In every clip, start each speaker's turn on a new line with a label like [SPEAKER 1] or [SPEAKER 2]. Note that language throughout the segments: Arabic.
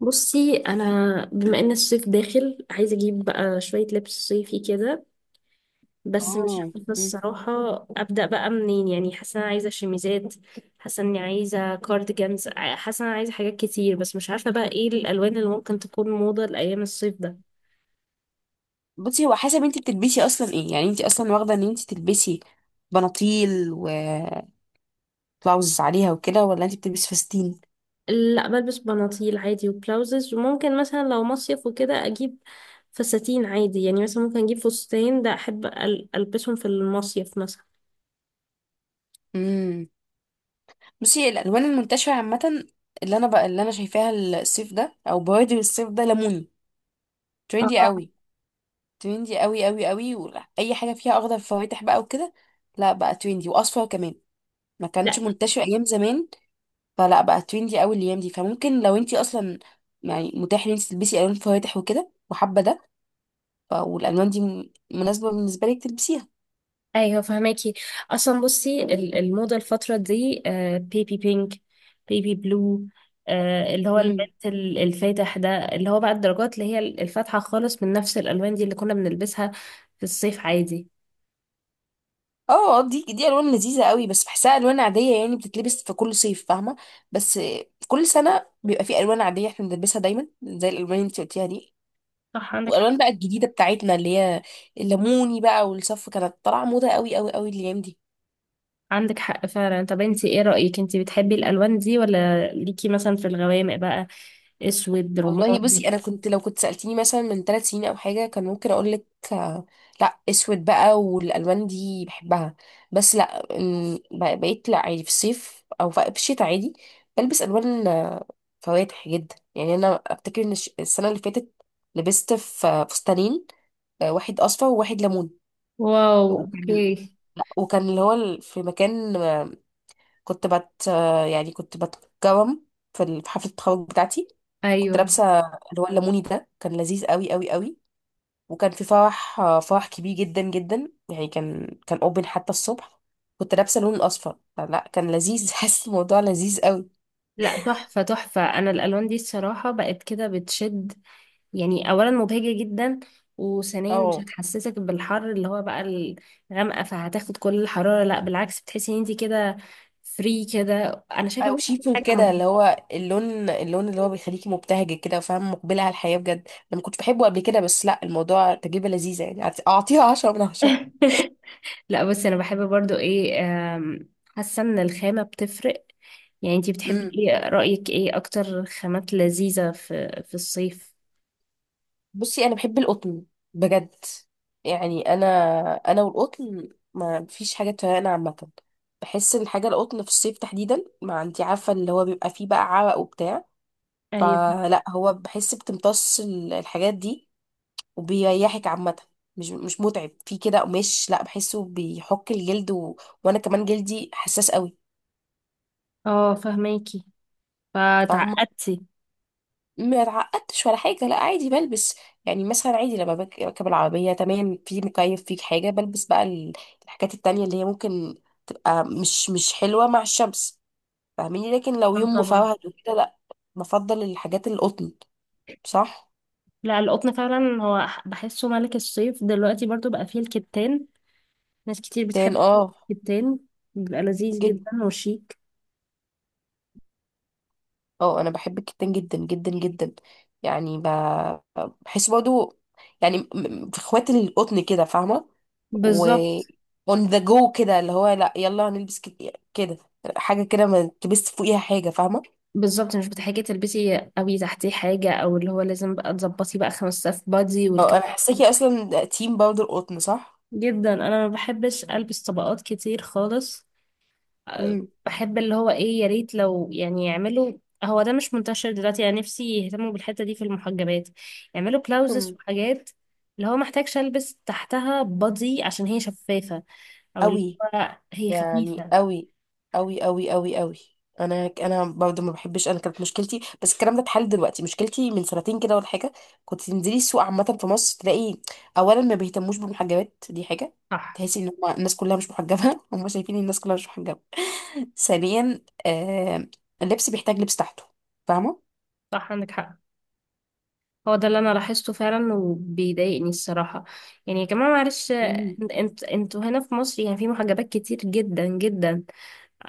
[SPEAKER 1] بصي، انا بما ان الصيف داخل عايزه اجيب بقى شويه لبس صيفي كده. بس مش
[SPEAKER 2] اه،
[SPEAKER 1] عارفه
[SPEAKER 2] مم.
[SPEAKER 1] الصراحه ابدا بقى منين. يعني حاسه انا عايزه شميزات، حاسه اني عايزه كارديجانز، حاسه انا عايزه حاجات كتير بس مش عارفه بقى ايه الالوان اللي ممكن تكون موضه لايام الصيف ده.
[SPEAKER 2] بصي هو حسب انت بتلبسي اصلا ايه. يعني انت اصلا واخده ان انت تلبسي بناطيل وبلاوز عليها وكده، ولا انت بتلبسي فساتين؟
[SPEAKER 1] لا، بلبس بناطيل عادي وبلاوزز، وممكن مثلا لو مصيف وكده اجيب فساتين عادي. يعني مثلا ممكن اجيب فستان، ده احب البسهم في المصيف مثلا.
[SPEAKER 2] امم بصي الالوان المنتشره عامه، اللي انا شايفاها الصيف ده او بوادر الصيف ده ليموني. تريندي
[SPEAKER 1] اه،
[SPEAKER 2] قوي. تريندي قوي قوي قوي، واي حاجه فيها اخضر فواتح بقى وكده. لا بقى تريندي، واصفر كمان ما كانش منتشر ايام زمان، فلا بقى تريندي قوي الايام دي. فممكن لو انت اصلا يعني متاح ان انت تلبسي الوان فواتح وكده، وحابه ده، والالوان دي مناسبه بالنسبه لك تلبسيها.
[SPEAKER 1] ايوه فهماكي. اصلا بصي، الموضه الفتره دي بيبي بينك، بيبي بلو، اللي هو
[SPEAKER 2] مم.
[SPEAKER 1] المنت الفاتح ده، اللي هو بقى الدرجات اللي هي الفاتحه خالص من نفس الالوان دي اللي كنا بنلبسها في الصيف عادي.
[SPEAKER 2] اه، دي الوان لذيذه قوي، بس بحسها الوان عاديه، يعني بتتلبس في كل صيف، فاهمه؟ بس كل سنه بيبقى في الوان عاديه احنا بنلبسها دايما زي الالوان اللي انت قلتيها دي.
[SPEAKER 1] صح عندك حق.
[SPEAKER 2] والالوان بقى الجديده بتاعتنا، اللي هي الليموني بقى والصف، كانت طالعه موضه قوي قوي قوي الايام دي.
[SPEAKER 1] عندك حق فعلا. طب انتي ايه رايك؟ انتي بتحبي الالوان دي ولا ليكي مثلا في الغوامق بقى؟ اسود،
[SPEAKER 2] والله
[SPEAKER 1] رمادي؟
[SPEAKER 2] بصي، انا كنت لو كنت سالتيني مثلا من ثلاث سنين او حاجه كان ممكن اقول لك لا، اسود بقى والالوان دي بحبها. بس لا، بقيت لا، عادي في الصيف او في الشتاء عادي بلبس الوان فواتح جدا. يعني انا افتكر ان السنه اللي فاتت لبست في فستانين، واحد اصفر وواحد ليمون.
[SPEAKER 1] واو، اوكي.
[SPEAKER 2] وكان لا، وكان اللي هو في مكان، كنت بت آه، يعني كنت بتكرم في في حفله التخرج بتاعتي. كنت
[SPEAKER 1] ايوه،
[SPEAKER 2] لابسه اللي هو الليموني ده، كان لذيذ قوي قوي قوي. وكان في فرح، فرح كبير جدا جدا. يعني كان اوبن حتى الصبح، كنت لابسه اللون الاصفر، فلا كان لذيذ. حاسس الموضوع لذيذ قوي.
[SPEAKER 1] لا تحفه تحفه. انا الالوان دي الصراحه بقت كده بتشد. يعني اولا مبهجة جدا، وثانيا مش
[SPEAKER 2] اه،
[SPEAKER 1] هتحسسك بالحر اللي هو بقى الغامقة فهتاخد كل الحرارة. لا بالعكس، بتحسي ان انت كده فري كده. انا شايفة
[SPEAKER 2] او
[SPEAKER 1] برضه دي
[SPEAKER 2] شيفون
[SPEAKER 1] حاجة
[SPEAKER 2] كده،
[SPEAKER 1] مهمة.
[SPEAKER 2] اللي هو اللون اللي هو بيخليكي مبتهجه كده، وفاهم مقبله على الحياه بجد. انا ما كنتش بحبه قبل كده، بس لا، الموضوع تجربه لذيذه، يعني اعطيها 10 من 10.
[SPEAKER 1] لا، بس انا بحب برضو ايه، آم، حاسة ان الخامة بتفرق. يعني انت بتحبي ايه؟ رأيك ايه اكتر خامات لذيذة في الصيف؟
[SPEAKER 2] بصي انا بحب القطن بجد. يعني انا، انا والقطن ما فيش حاجه تفرقنا عامه. بحس ان حاجه القطن في الصيف تحديدا، ما انت عارفه اللي هو بيبقى فيه بقى عرق وبتاع،
[SPEAKER 1] ايوه،
[SPEAKER 2] فلا هو بحس بتمتص الحاجات دي وبيريحك عامه. مش متعب في كده قماش لا، بحسه بيحك الجلد و... وانا كمان جلدي حساس قوي.
[SPEAKER 1] اه فهماكي.
[SPEAKER 2] فاهمه؟
[SPEAKER 1] فتعقدتي؟
[SPEAKER 2] ما اتعقدتش ولا حاجة، لا، عادي بلبس. يعني مثلا عادي لما بركب العربية تمام، في مكيف فيك حاجة، بلبس بقى الحاجات التانية اللي هي ممكن تبقى مش حلوة مع الشمس، فاهميني؟ لكن لو
[SPEAKER 1] اه
[SPEAKER 2] يوم
[SPEAKER 1] طبعا.
[SPEAKER 2] مفرهد وكده، لا، بفضل الحاجات القطن. صح.
[SPEAKER 1] لا القطن فعلا هو بحسه ملك الصيف. دلوقتي برضو بقى فيه الكتان، ناس كتير
[SPEAKER 2] تان،
[SPEAKER 1] بتحب
[SPEAKER 2] اه.
[SPEAKER 1] الكتان، بيبقى لذيذ
[SPEAKER 2] جدا.
[SPEAKER 1] جدا وشيك.
[SPEAKER 2] اه، انا بحب الكتان جدا جدا جدا. يعني بحس برضو يعني في اخوات القطن كده، فاهمه؟ و
[SPEAKER 1] بالظبط
[SPEAKER 2] on the go كده، اللي هو لا يلا هنلبس كده، حاجه كده ما تلبس فوقيها حاجه، فاهمه؟
[SPEAKER 1] بالظبط، مش بتحتاجي تلبسي قوي تحتيه حاجة، او اللي هو لازم بقى تظبطي بقى خمس صف بادي
[SPEAKER 2] اه،
[SPEAKER 1] والكلام
[SPEAKER 2] انا
[SPEAKER 1] ده.
[SPEAKER 2] حاساكي اصلا تيم برضو القطن، صح.
[SPEAKER 1] جدا، انا ما بحبش البس طبقات كتير خالص. أه،
[SPEAKER 2] امم
[SPEAKER 1] بحب اللي هو ايه، يا ريت لو يعني يعملوا، هو ده مش منتشر دلوقتي، يعني نفسي يهتموا بالحتة دي في المحجبات، يعملوا بلاوزز
[SPEAKER 2] مم.
[SPEAKER 1] وحاجات اللي هو محتاجش البس تحتها بادي عشان هي شفافة، او اللي
[SPEAKER 2] قوي،
[SPEAKER 1] هو هي
[SPEAKER 2] يعني
[SPEAKER 1] خفيفة.
[SPEAKER 2] قوي قوي قوي قوي قوي. انا برضه ما بحبش. انا كانت مشكلتي، بس الكلام ده اتحل دلوقتي، مشكلتي من سنتين كده ولا حاجه، كنت تنزلي السوق عامه في مصر تلاقي اولا ما بيهتموش بالمحجبات دي حاجه.
[SPEAKER 1] صح،
[SPEAKER 2] تحسي ان هم الناس كلها مش محجبه، هم شايفين الناس كلها مش محجبه. ثانيا، اللبس بيحتاج لبس تحته، فاهمه؟
[SPEAKER 1] صح عندك حق. هو ده اللي انا لاحظته فعلا وبيضايقني الصراحه. يعني يا جماعه معلش، انتوا هنا في مصر يعني في محجبات كتير جدا جدا،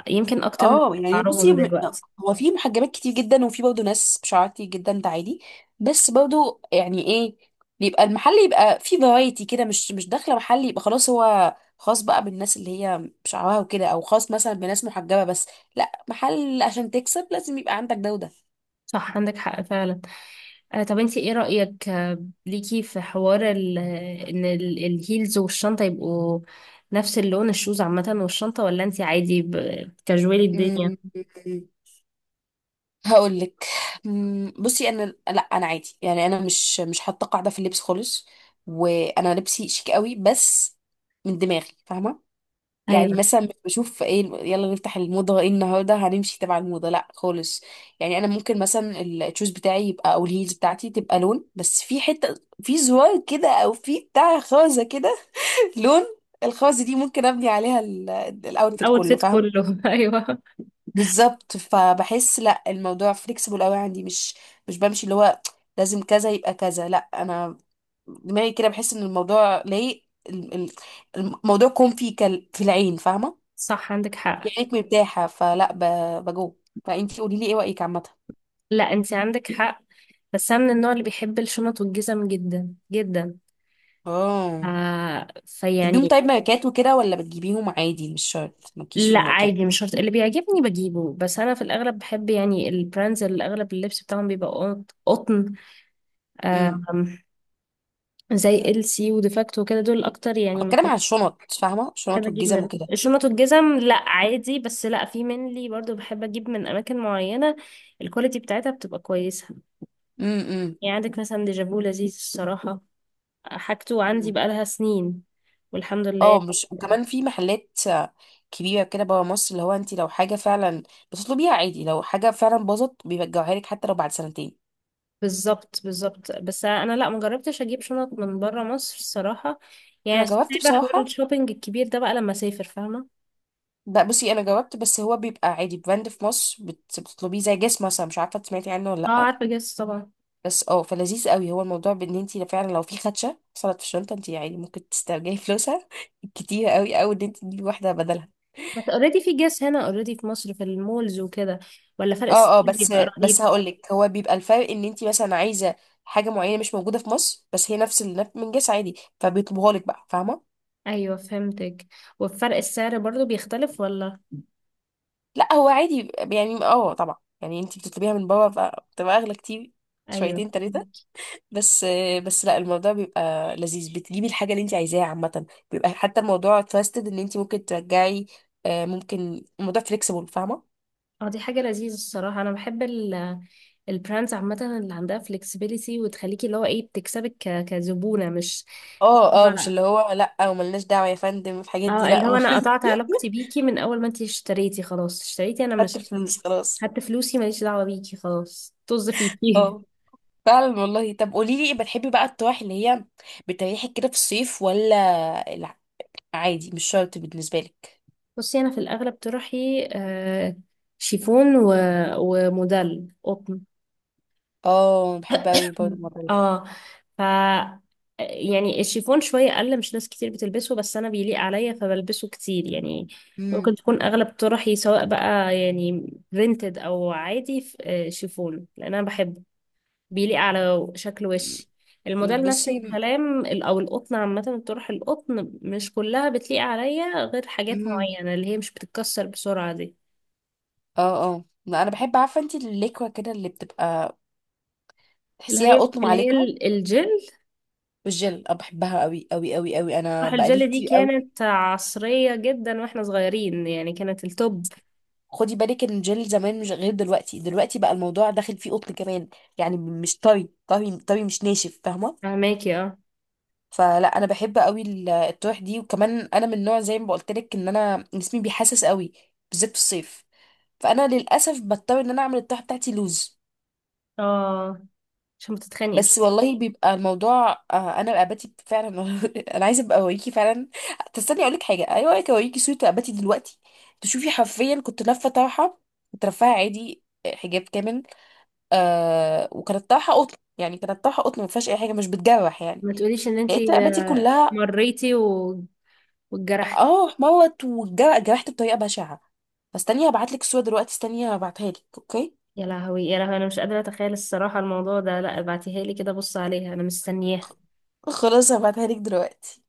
[SPEAKER 1] يمكن اكتر من
[SPEAKER 2] اه، يعني بصي،
[SPEAKER 1] شعرهم دلوقتي.
[SPEAKER 2] هو في محجبات كتير جدا وفي برضه ناس بشعر كتير جدا، ده عادي. بس برضه يعني ايه، بيبقى المحل يبقى فيه فرايتي كده، مش داخله محل يبقى خلاص هو خاص بقى بالناس اللي هي بشعرها وكده، او خاص مثلا بناس محجبه بس. لا، محل عشان تكسب لازم يبقى عندك ده وده.
[SPEAKER 1] صح عندك حق فعلا. آه، طب انتي ايه رايك ليكي في حوار ان الهيلز والشنطه يبقوا نفس اللون، الشوز عامه والشنطه، ولا انتي عادي كاجوالي الدنيا؟
[SPEAKER 2] أمم، هقول لك. بصي انا، لا، انا عادي، يعني انا مش حاطه قاعده في اللبس خالص، وانا لبسي شيك قوي بس من دماغي، فاهمه؟ يعني
[SPEAKER 1] ايوه.
[SPEAKER 2] مثلا مش بشوف ايه يلا نفتح الموضة، ايه النهاردة هنمشي تبع الموضة، لا خالص. يعني انا ممكن مثلا التشوز بتاعي يبقى، او الهيلز بتاعتي تبقى لون، بس في حتة، في زرار كده، او في بتاع خازة كده. لون الخازة دي ممكن ابني عليها الاوتفيت كله،
[SPEAKER 1] الاوتفيت
[SPEAKER 2] فاهمة؟
[SPEAKER 1] كله. ايوه،
[SPEAKER 2] بالظبط. فبحس لا الموضوع فليكسيبل قوي عندي، مش بمشي اللي هو لازم كذا يبقى كذا، لا، انا دماغي كده، بحس ان الموضوع ليه ال- ال- الموضوع كون في في العين، فاهمة؟
[SPEAKER 1] صح عندك
[SPEAKER 2] يا
[SPEAKER 1] حق.
[SPEAKER 2] ريت مرتاحة، فلا بجوب. فانتي قولي لي ايه رأيك عامة.
[SPEAKER 1] لا انت عندك حق، بس انا من النوع اللي بيحب الشنط والجزم جدا جدا.
[SPEAKER 2] اه. بتجيبيهم
[SPEAKER 1] فيعني.
[SPEAKER 2] طيب ماركات وكده، ولا بتجيبيهم عادي مش شرط، مالكيش في
[SPEAKER 1] لا
[SPEAKER 2] الماركات؟
[SPEAKER 1] عادي، مش شرط، اللي بيعجبني بجيبه. بس انا في الاغلب بحب يعني البراندز اللي اغلب اللبس بتاعهم بيبقى قطن.
[SPEAKER 2] امم
[SPEAKER 1] آم، زي ال سي وديفاكتو وكده، دول اكتر يعني
[SPEAKER 2] بتكلم
[SPEAKER 1] مكان
[SPEAKER 2] على الشنط، فاهمة؟
[SPEAKER 1] بحب
[SPEAKER 2] الشنط
[SPEAKER 1] اجيب
[SPEAKER 2] والجزم
[SPEAKER 1] منهم
[SPEAKER 2] وكده.
[SPEAKER 1] الشنط والجزم. لا عادي، بس لا في منلي برضو بحب اجيب من اماكن معينه الكواليتي بتاعتها بتبقى كويسه.
[SPEAKER 2] امم
[SPEAKER 1] يعني عندك مثلا ديجافو، لذيذ الصراحه، حاجته عندي
[SPEAKER 2] مم.
[SPEAKER 1] بقالها سنين والحمد
[SPEAKER 2] اه،
[SPEAKER 1] لله.
[SPEAKER 2] مش، وكمان في محلات كبيرة كده برا مصر، اللي هو انتي لو حاجة فعلا بتطلبيها عادي، لو حاجة فعلا باظت بيرجعوها لك حتى لو بعد سنتين.
[SPEAKER 1] بالظبط بالظبط، بس انا لا مجربتش اجيب شنط من بره مصر الصراحه.
[SPEAKER 2] انا
[SPEAKER 1] يعني
[SPEAKER 2] جربت
[SPEAKER 1] سايبه حوار
[SPEAKER 2] بصراحة.
[SPEAKER 1] الشوبينج الكبير ده بقى لما اسافر، فاهمه.
[SPEAKER 2] لا بصي، انا جربت، بس هو بيبقى عادي براند في مصر بتطلبيه، زي جسم مثلا، مش عارفة سمعتي عنه ولا
[SPEAKER 1] اه
[SPEAKER 2] لأ.
[SPEAKER 1] عارفه جاس طبعا.
[SPEAKER 2] بس اه، فلذيذ قوي هو الموضوع، بان انت فعلا لو في خدشه حصلت في الشنطه، انت يعني ممكن تسترجعي فلوسها كتير قوي، او ان انت تجيبي واحده بدلها.
[SPEAKER 1] بس اوريدي في جاس هنا، اوريدي في مصر في المولز وكده. ولا فرق السعر
[SPEAKER 2] اه، اه، بس
[SPEAKER 1] بيبقى
[SPEAKER 2] بس
[SPEAKER 1] رهيب؟
[SPEAKER 2] هقول لك. هو بيبقى الفرق ان انت مثلا عايزه حاجه معينه مش موجوده في مصر، بس هي نفس من جنس عادي، فبيطلبوها لك بقى، فاهمه؟
[SPEAKER 1] ايوه، فهمتك. وفرق السعر برضو بيختلف ولا؟
[SPEAKER 2] لا هو عادي يعني، اه، طبعا، يعني انت بتطلبيها من بره فبتبقى اغلى كتير،
[SPEAKER 1] ايوه.
[SPEAKER 2] شويتين تلاتة، بس. بس لا، الموضوع بيبقى لذيذ، بتجيبي الحاجة اللي انت عايزاها عامة، بيبقى حتى الموضوع تراستد، ان انت ممكن ترجعي، ممكن الموضوع فليكسيبل، فاهمة؟
[SPEAKER 1] اه دي حاجه لذيذه الصراحه. انا بحب البراندز عامة اللي عندها flexibility، وتخليكي اللي هو ايه بتكسبك كزبونة، مش
[SPEAKER 2] اه، اه، مش
[SPEAKER 1] ما-
[SPEAKER 2] اللي هو لا وملناش دعوة يا فندم في الحاجات دي،
[SPEAKER 1] اه اللي هو
[SPEAKER 2] لا.
[SPEAKER 1] انا قطعت علاقتي بيكي من اول ما انتي اشتريتي، خلاص اشتريتي انا
[SPEAKER 2] خدت
[SPEAKER 1] مش،
[SPEAKER 2] الفلوس خلاص.
[SPEAKER 1] حتى فلوسي ماليش دعوة بيكي، خلاص طز فيكي.
[SPEAKER 2] اه، فعلا والله. طب قولي لي، بتحبي بقى الطواح اللي هي بتريحك كده في الصيف، ولا لا، عادي مش شرط بالنسبة لك؟
[SPEAKER 1] بصي انا في الاغلب طرحي شيفون و... وموديل قطن.
[SPEAKER 2] اه، بحب اوي برضه الموضوع ده.
[SPEAKER 1] اه ف يعني الشيفون شوية اقل، مش ناس كتير بتلبسه، بس انا بيليق عليا فبلبسه كتير يعني.
[SPEAKER 2] مم.
[SPEAKER 1] ممكن تكون اغلب طرحي سواء بقى يعني برينتد او عادي شيفون لان انا بحبه، بيليق على شكل وشي. الموديل نفس
[SPEAKER 2] بصي،
[SPEAKER 1] الكلام او القطن عامه. الطرح القطن مش كلها بتليق عليا غير حاجات
[SPEAKER 2] مم.
[SPEAKER 1] معينه اللي هي مش بتتكسر بسرعه دي.
[SPEAKER 2] اه اه، لا، انا بحب. عارفه انت الليكوه كده اللي بتبقى
[SPEAKER 1] اللي
[SPEAKER 2] تحسيها
[SPEAKER 1] هي
[SPEAKER 2] قطن مع
[SPEAKER 1] اللي هي
[SPEAKER 2] ليكوه
[SPEAKER 1] الجل.
[SPEAKER 2] والجل؟ انا بحبها قوي قوي قوي قوي، انا
[SPEAKER 1] طرح
[SPEAKER 2] بقالي
[SPEAKER 1] الجل دي
[SPEAKER 2] كتير قوي.
[SPEAKER 1] كانت عصريه جدا واحنا صغيرين، يعني كانت التوب.
[SPEAKER 2] خدي بالك ان الجل زمان مش غير دلوقتي. دلوقتي بقى الموضوع داخل فيه قطن كمان، يعني مش طري طري طري، مش ناشف، فاهمه؟
[SPEAKER 1] فهماكي، اه.
[SPEAKER 2] فلا انا بحب قوي الطرح دي. وكمان انا من نوع، زي ما بقولت لك، ان انا جسمي بيحسس قوي بالذات في الصيف، فانا للاسف بضطر ان انا اعمل الطرح بتاعتي لوز.
[SPEAKER 1] اه عشان ما تتخانقي بس.
[SPEAKER 2] بس والله بيبقى الموضوع، انا اباتي فعلا. انا عايزه ابقى اوريكي فعلا. تستني اقول لك حاجه؟ ايوه، اوريكي اوريكي صوره اباتي دلوقتي، تشوفي حرفيا. كنت لافه طرحه، كنت رافعه عادي، حجاب كامل. آه، وكانت طرحه قطن، يعني كانت طرحه قطن ما فيهاش اي حاجه مش بتجرح يعني.
[SPEAKER 1] ما تقوليش ان
[SPEAKER 2] لقيت
[SPEAKER 1] انتي
[SPEAKER 2] رقبتي كلها
[SPEAKER 1] مريتي واتجرحتي.
[SPEAKER 2] اه، احمرت وجرحت بطريقه بشعه. فاستني هبعت لك الصوره دلوقتي، استني هبعتها لك. اوكي،
[SPEAKER 1] يا لهوي، يا لهوي، انا مش قادره اتخيل الصراحه الموضوع ده. لا ابعتيها لي، كده بص عليها، انا مستنياها.
[SPEAKER 2] خلاص هبعتها لك دلوقتي.